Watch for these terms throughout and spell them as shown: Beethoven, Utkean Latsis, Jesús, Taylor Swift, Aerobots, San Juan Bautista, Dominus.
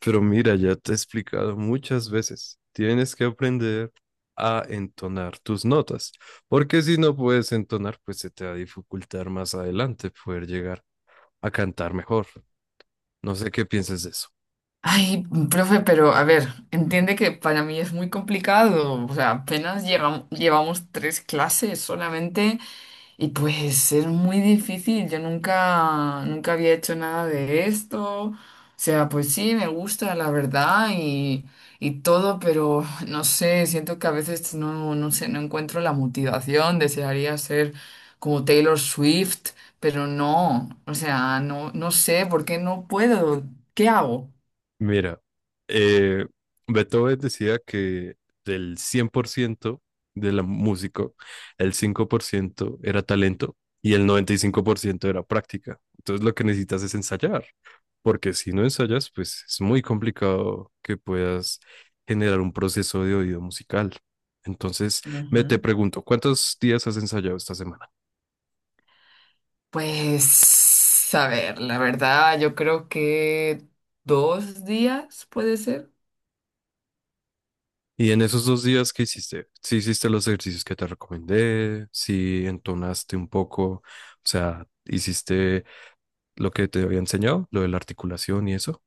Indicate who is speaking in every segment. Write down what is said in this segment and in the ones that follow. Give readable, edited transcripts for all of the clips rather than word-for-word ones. Speaker 1: Pero mira, ya te he explicado muchas veces, tienes que aprender a entonar tus notas, porque si no puedes entonar, pues se te va a dificultar más adelante poder llegar a cantar mejor. No sé qué piensas de eso.
Speaker 2: Ay, profe, pero a ver, entiende que para mí es muy complicado. O sea, apenas llevamos tres clases solamente y pues es muy difícil. Yo nunca había hecho nada de esto. O sea, pues sí, me gusta, la verdad, y todo, pero no sé, siento que a veces no sé, no encuentro la motivación. Desearía ser como Taylor Swift, pero no. O sea, no sé por qué no puedo. ¿Qué hago?
Speaker 1: Mira, eh, Beethoven decía que del 100% de la música, el 5% era talento y el 95% era práctica. Entonces lo que necesitas es ensayar, porque si no ensayas, pues es muy complicado que puedas generar un proceso de oído musical. Entonces,
Speaker 2: Ujú.
Speaker 1: me te pregunto, ¿cuántos días has ensayado esta semana?
Speaker 2: Pues, a ver, la verdad, yo creo que 2 días puede ser.
Speaker 1: Y en esos 2 días que hiciste, si hiciste los ejercicios que te recomendé, si entonaste un poco, o sea, hiciste lo que te había enseñado, lo de la articulación y eso.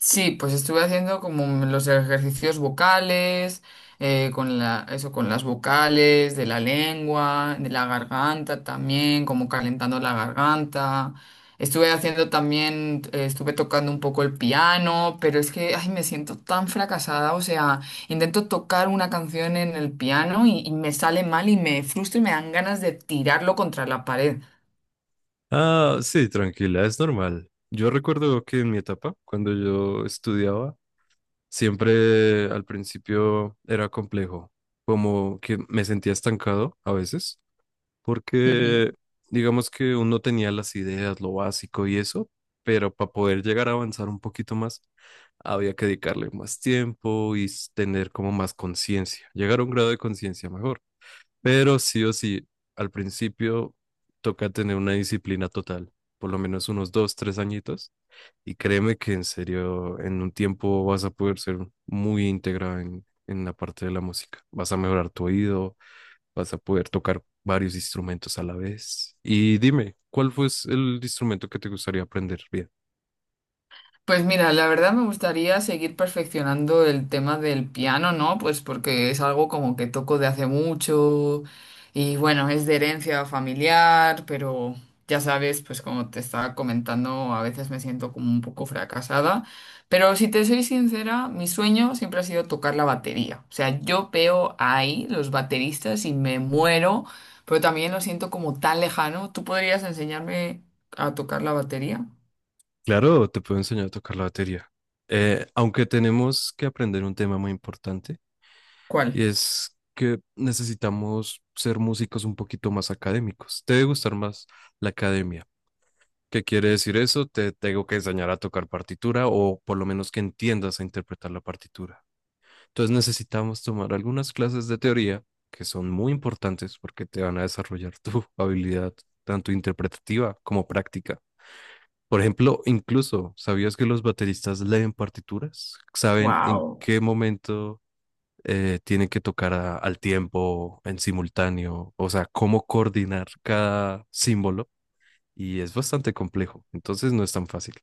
Speaker 2: Sí, pues estuve haciendo como los ejercicios vocales, con la, eso, con las vocales, de la lengua, de la garganta también, como calentando la garganta. Estuve haciendo también, estuve tocando un poco el piano, pero es que, ay, me siento tan fracasada. O sea, intento tocar una canción en el piano y me sale mal y me frustro y me dan ganas de tirarlo contra la pared.
Speaker 1: Ah, sí, tranquila, es normal. Yo recuerdo que en mi etapa, cuando yo estudiaba, siempre al principio era complejo, como que me sentía estancado a veces porque digamos que uno tenía las ideas, lo básico y eso, pero para poder llegar a avanzar un poquito más, había que dedicarle más tiempo y tener como más conciencia, llegar a un grado de conciencia mejor. Pero sí o sí, al principio toca tener una disciplina total, por lo menos unos 2, 3 añitos, y créeme que en serio, en un tiempo vas a poder ser muy íntegra en la parte de la música. Vas a mejorar tu oído. Vas a poder tocar varios instrumentos a la vez. Y dime, ¿cuál fue el instrumento que te gustaría aprender? Bien,
Speaker 2: Pues mira, la verdad me gustaría seguir perfeccionando el tema del piano, ¿no? Pues porque es algo como que toco de hace mucho y bueno, es de herencia familiar, pero ya sabes, pues como te estaba comentando, a veces me siento como un poco fracasada. Pero si te soy sincera, mi sueño siempre ha sido tocar la batería. O sea, yo veo ahí los bateristas y me muero, pero también lo siento como tan lejano. ¿Tú podrías enseñarme a tocar la batería?
Speaker 1: claro, te puedo enseñar a tocar la batería. Aunque tenemos que aprender un tema muy importante, y
Speaker 2: ¿Cuál?
Speaker 1: es que necesitamos ser músicos un poquito más académicos. Te debe gustar más la academia. ¿Qué quiere decir eso? Te tengo que enseñar a tocar partitura o por lo menos que entiendas a interpretar la partitura. Entonces necesitamos tomar algunas clases de teoría que son muy importantes porque te van a desarrollar tu habilidad tanto interpretativa como práctica. Por ejemplo, incluso, ¿sabías que los bateristas leen partituras? ¿Saben en
Speaker 2: Wow.
Speaker 1: qué momento tienen que tocar al tiempo, en simultáneo? O sea, cómo coordinar cada símbolo. Y es bastante complejo, entonces no es tan fácil.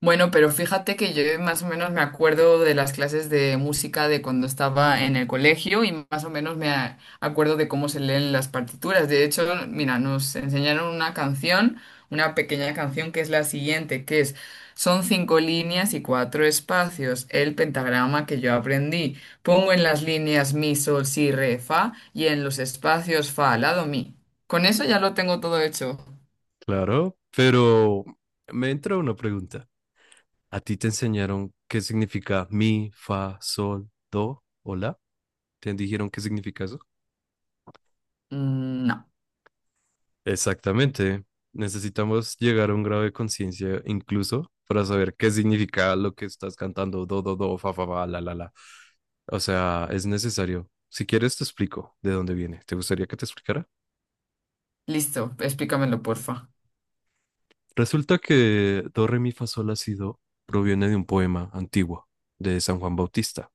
Speaker 2: Bueno, pero fíjate que yo más o menos me acuerdo de las clases de música de cuando estaba en el colegio y más o menos acuerdo de cómo se leen las partituras. De hecho, mira, nos enseñaron una canción, una pequeña canción que es la siguiente, que es son cinco líneas y cuatro espacios, el pentagrama que yo aprendí. Pongo en las líneas mi, sol, si, re, fa y en los espacios fa, lado, mi. Con eso ya lo tengo todo hecho.
Speaker 1: Claro, pero me entra una pregunta. ¿A ti te enseñaron qué significa mi, fa, sol, do o la? ¿Te dijeron qué significa eso?
Speaker 2: Mm, no.
Speaker 1: Exactamente. Necesitamos llegar a un grado de conciencia incluso para saber qué significa lo que estás cantando, do, do, do, fa, fa, fa, la, la, la. O sea, es necesario. Si quieres, te explico de dónde viene. ¿Te gustaría que te explicara?
Speaker 2: Listo, explícamelo, porfa.
Speaker 1: Resulta que do, re, mi, fa, sol, la, si, do proviene de un poema antiguo de San Juan Bautista.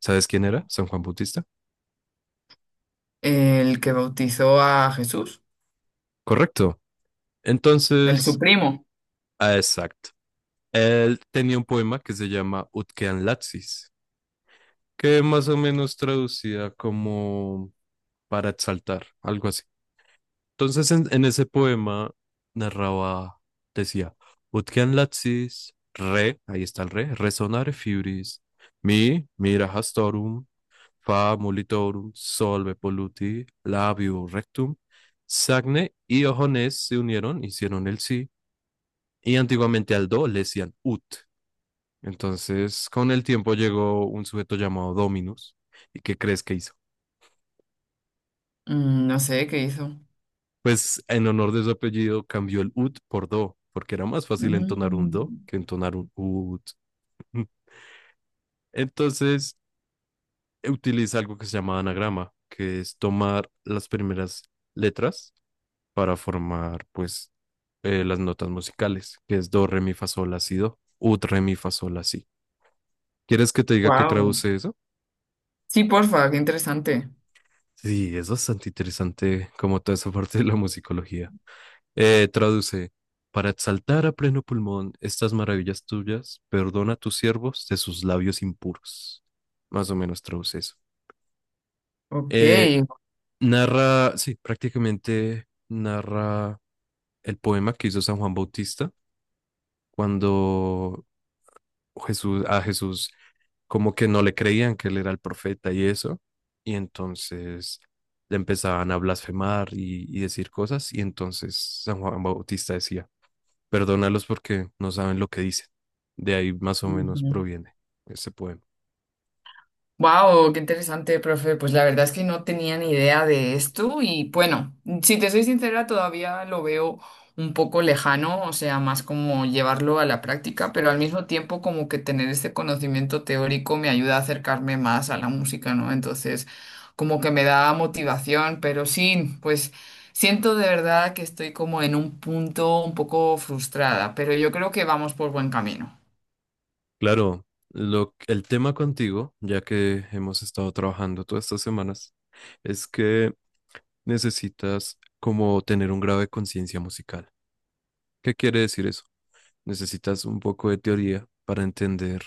Speaker 1: ¿Sabes quién era San Juan Bautista?
Speaker 2: El que bautizó a Jesús,
Speaker 1: Correcto.
Speaker 2: el su
Speaker 1: Entonces,
Speaker 2: primo.
Speaker 1: ah, exacto. Él tenía un poema que se llama Utkean Latsis, que más o menos traducida como para exaltar, algo así. Entonces, en ese poema narraba, decía, Utkean Latsis, re, ahí está el re, resonare fibris, mi, mira hastorum, fa molitorum, solve polluti, labio rectum, sagne y ojones se unieron, hicieron el sí, y antiguamente al do le decían ut. Entonces, con el tiempo llegó un sujeto llamado Dominus. ¿Y qué crees que hizo?
Speaker 2: Mm, no sé qué hizo.
Speaker 1: Pues en honor de su apellido cambió el ut por do, porque era más fácil entonar un do que entonar un ut. Entonces, utiliza algo que se llama anagrama, que es tomar las primeras letras para formar, pues, las notas musicales, que es do, re, mi, fa, sol, la, si, do, ut, re, mi, fa, sol, la, si. ¿Quieres que te diga qué
Speaker 2: Wow.
Speaker 1: traduce eso?
Speaker 2: Sí, porfa, qué interesante.
Speaker 1: Sí, es bastante interesante como toda esa parte de la musicología. Traduce, para exaltar a pleno pulmón estas maravillas tuyas, perdona a tus siervos de sus labios impuros. Más o menos traduce eso.
Speaker 2: Ok.
Speaker 1: Eh, Narra, sí, prácticamente narra el poema que hizo San Juan Bautista cuando a Jesús como que no le creían que él era el profeta y eso, y entonces le empezaban a blasfemar y decir cosas, y entonces San Juan Bautista decía, perdónalos porque no saben lo que dicen. De ahí más o menos
Speaker 2: Ujú.
Speaker 1: proviene ese poema.
Speaker 2: Wow, qué interesante, profe. Pues la verdad es que no tenía ni idea de esto y bueno, si te soy sincera, todavía lo veo un poco lejano, o sea, más como llevarlo a la práctica, pero al mismo tiempo como que tener este conocimiento teórico me ayuda a acercarme más a la música, ¿no? Entonces, como que me da motivación, pero sí, pues siento de verdad que estoy como en un punto un poco frustrada, pero yo creo que vamos por buen camino.
Speaker 1: Claro, el tema contigo, ya que hemos estado trabajando todas estas semanas, es que necesitas como tener un grado de conciencia musical. ¿Qué quiere decir eso? Necesitas un poco de teoría para entender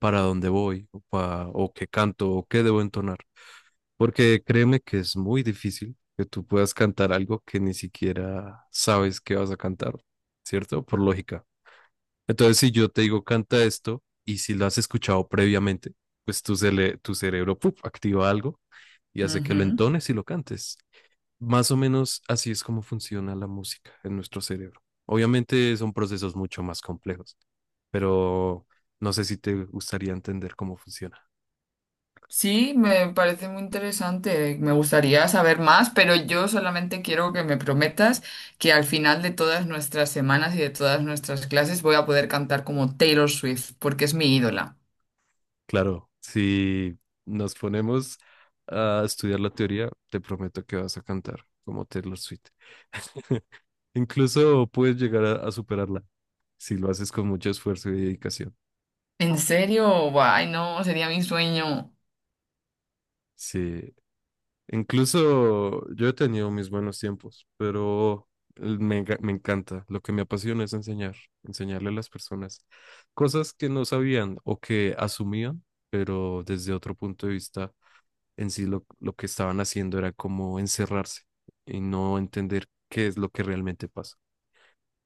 Speaker 1: para dónde voy o qué canto o qué debo entonar. Porque créeme que es muy difícil que tú puedas cantar algo que ni siquiera sabes que vas a cantar, ¿cierto? Por lógica. Entonces, si yo te digo canta esto y si lo has escuchado previamente, pues tu cerebro ¡puf! Activa algo y hace que lo
Speaker 2: Ujú.
Speaker 1: entones y lo cantes. Más o menos así es como funciona la música en nuestro cerebro. Obviamente son procesos mucho más complejos, pero no sé si te gustaría entender cómo funciona.
Speaker 2: Sí, me parece muy interesante. Me gustaría saber más, pero yo solamente quiero que me prometas que al final de todas nuestras semanas y de todas nuestras clases voy a poder cantar como Taylor Swift, porque es mi ídola.
Speaker 1: Claro, si nos ponemos a estudiar la teoría, te prometo que vas a cantar como Taylor Swift. Incluso puedes llegar a superarla si lo haces con mucho esfuerzo y dedicación.
Speaker 2: ¿En serio? Ay, no, sería mi sueño.
Speaker 1: Sí, incluso yo he tenido mis buenos tiempos, pero me encanta. Lo que me apasiona es enseñar, enseñarle a las personas cosas que no sabían o que asumían, pero desde otro punto de vista, en sí lo que estaban haciendo era como encerrarse y no entender qué es lo que realmente pasa.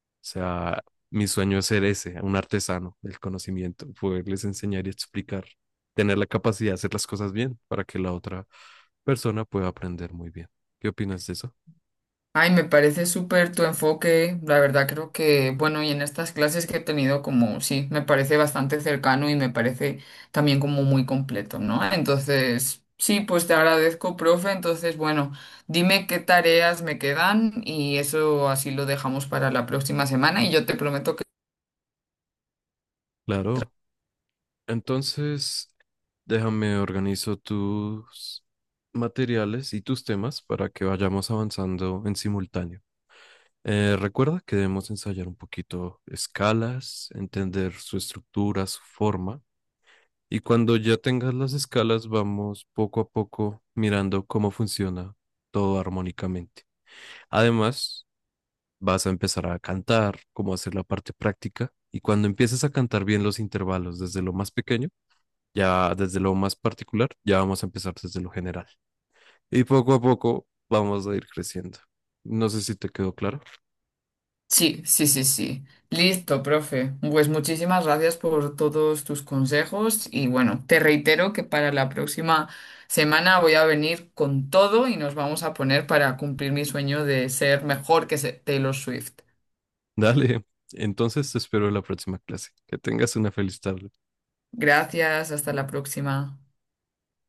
Speaker 1: O sea, mi sueño es ser ese, un artesano del conocimiento, poderles enseñar y explicar, tener la capacidad de hacer las cosas bien para que la otra persona pueda aprender muy bien. ¿Qué opinas de eso?
Speaker 2: Ay, me parece súper tu enfoque, la verdad creo que, bueno, y en estas clases que he tenido como, sí, me parece bastante cercano y me parece también como muy completo, ¿no? Entonces, sí, pues te agradezco, profe, entonces, bueno, dime qué tareas me quedan y eso así lo dejamos para la próxima semana y yo te prometo.
Speaker 1: Claro. Entonces, déjame organizo tus materiales y tus temas para que vayamos avanzando en simultáneo. Recuerda que debemos ensayar un poquito escalas, entender su estructura, su forma. Y cuando ya tengas las escalas, vamos poco a poco mirando cómo funciona todo armónicamente. Además, vas a empezar a cantar, cómo hacer la parte práctica. Y cuando empieces a cantar bien los intervalos desde lo más pequeño, ya desde lo más particular, ya vamos a empezar desde lo general. Y poco a poco vamos a ir creciendo. No sé si te quedó claro.
Speaker 2: Sí, sí, sí, sí. Listo, profe. Pues muchísimas gracias por todos tus consejos y bueno, te reitero que para la próxima semana voy a venir con todo y nos vamos a poner para cumplir mi sueño de ser mejor que Taylor Swift.
Speaker 1: Dale. Entonces te espero en la próxima clase. Que tengas una feliz tarde.
Speaker 2: Gracias, hasta la próxima.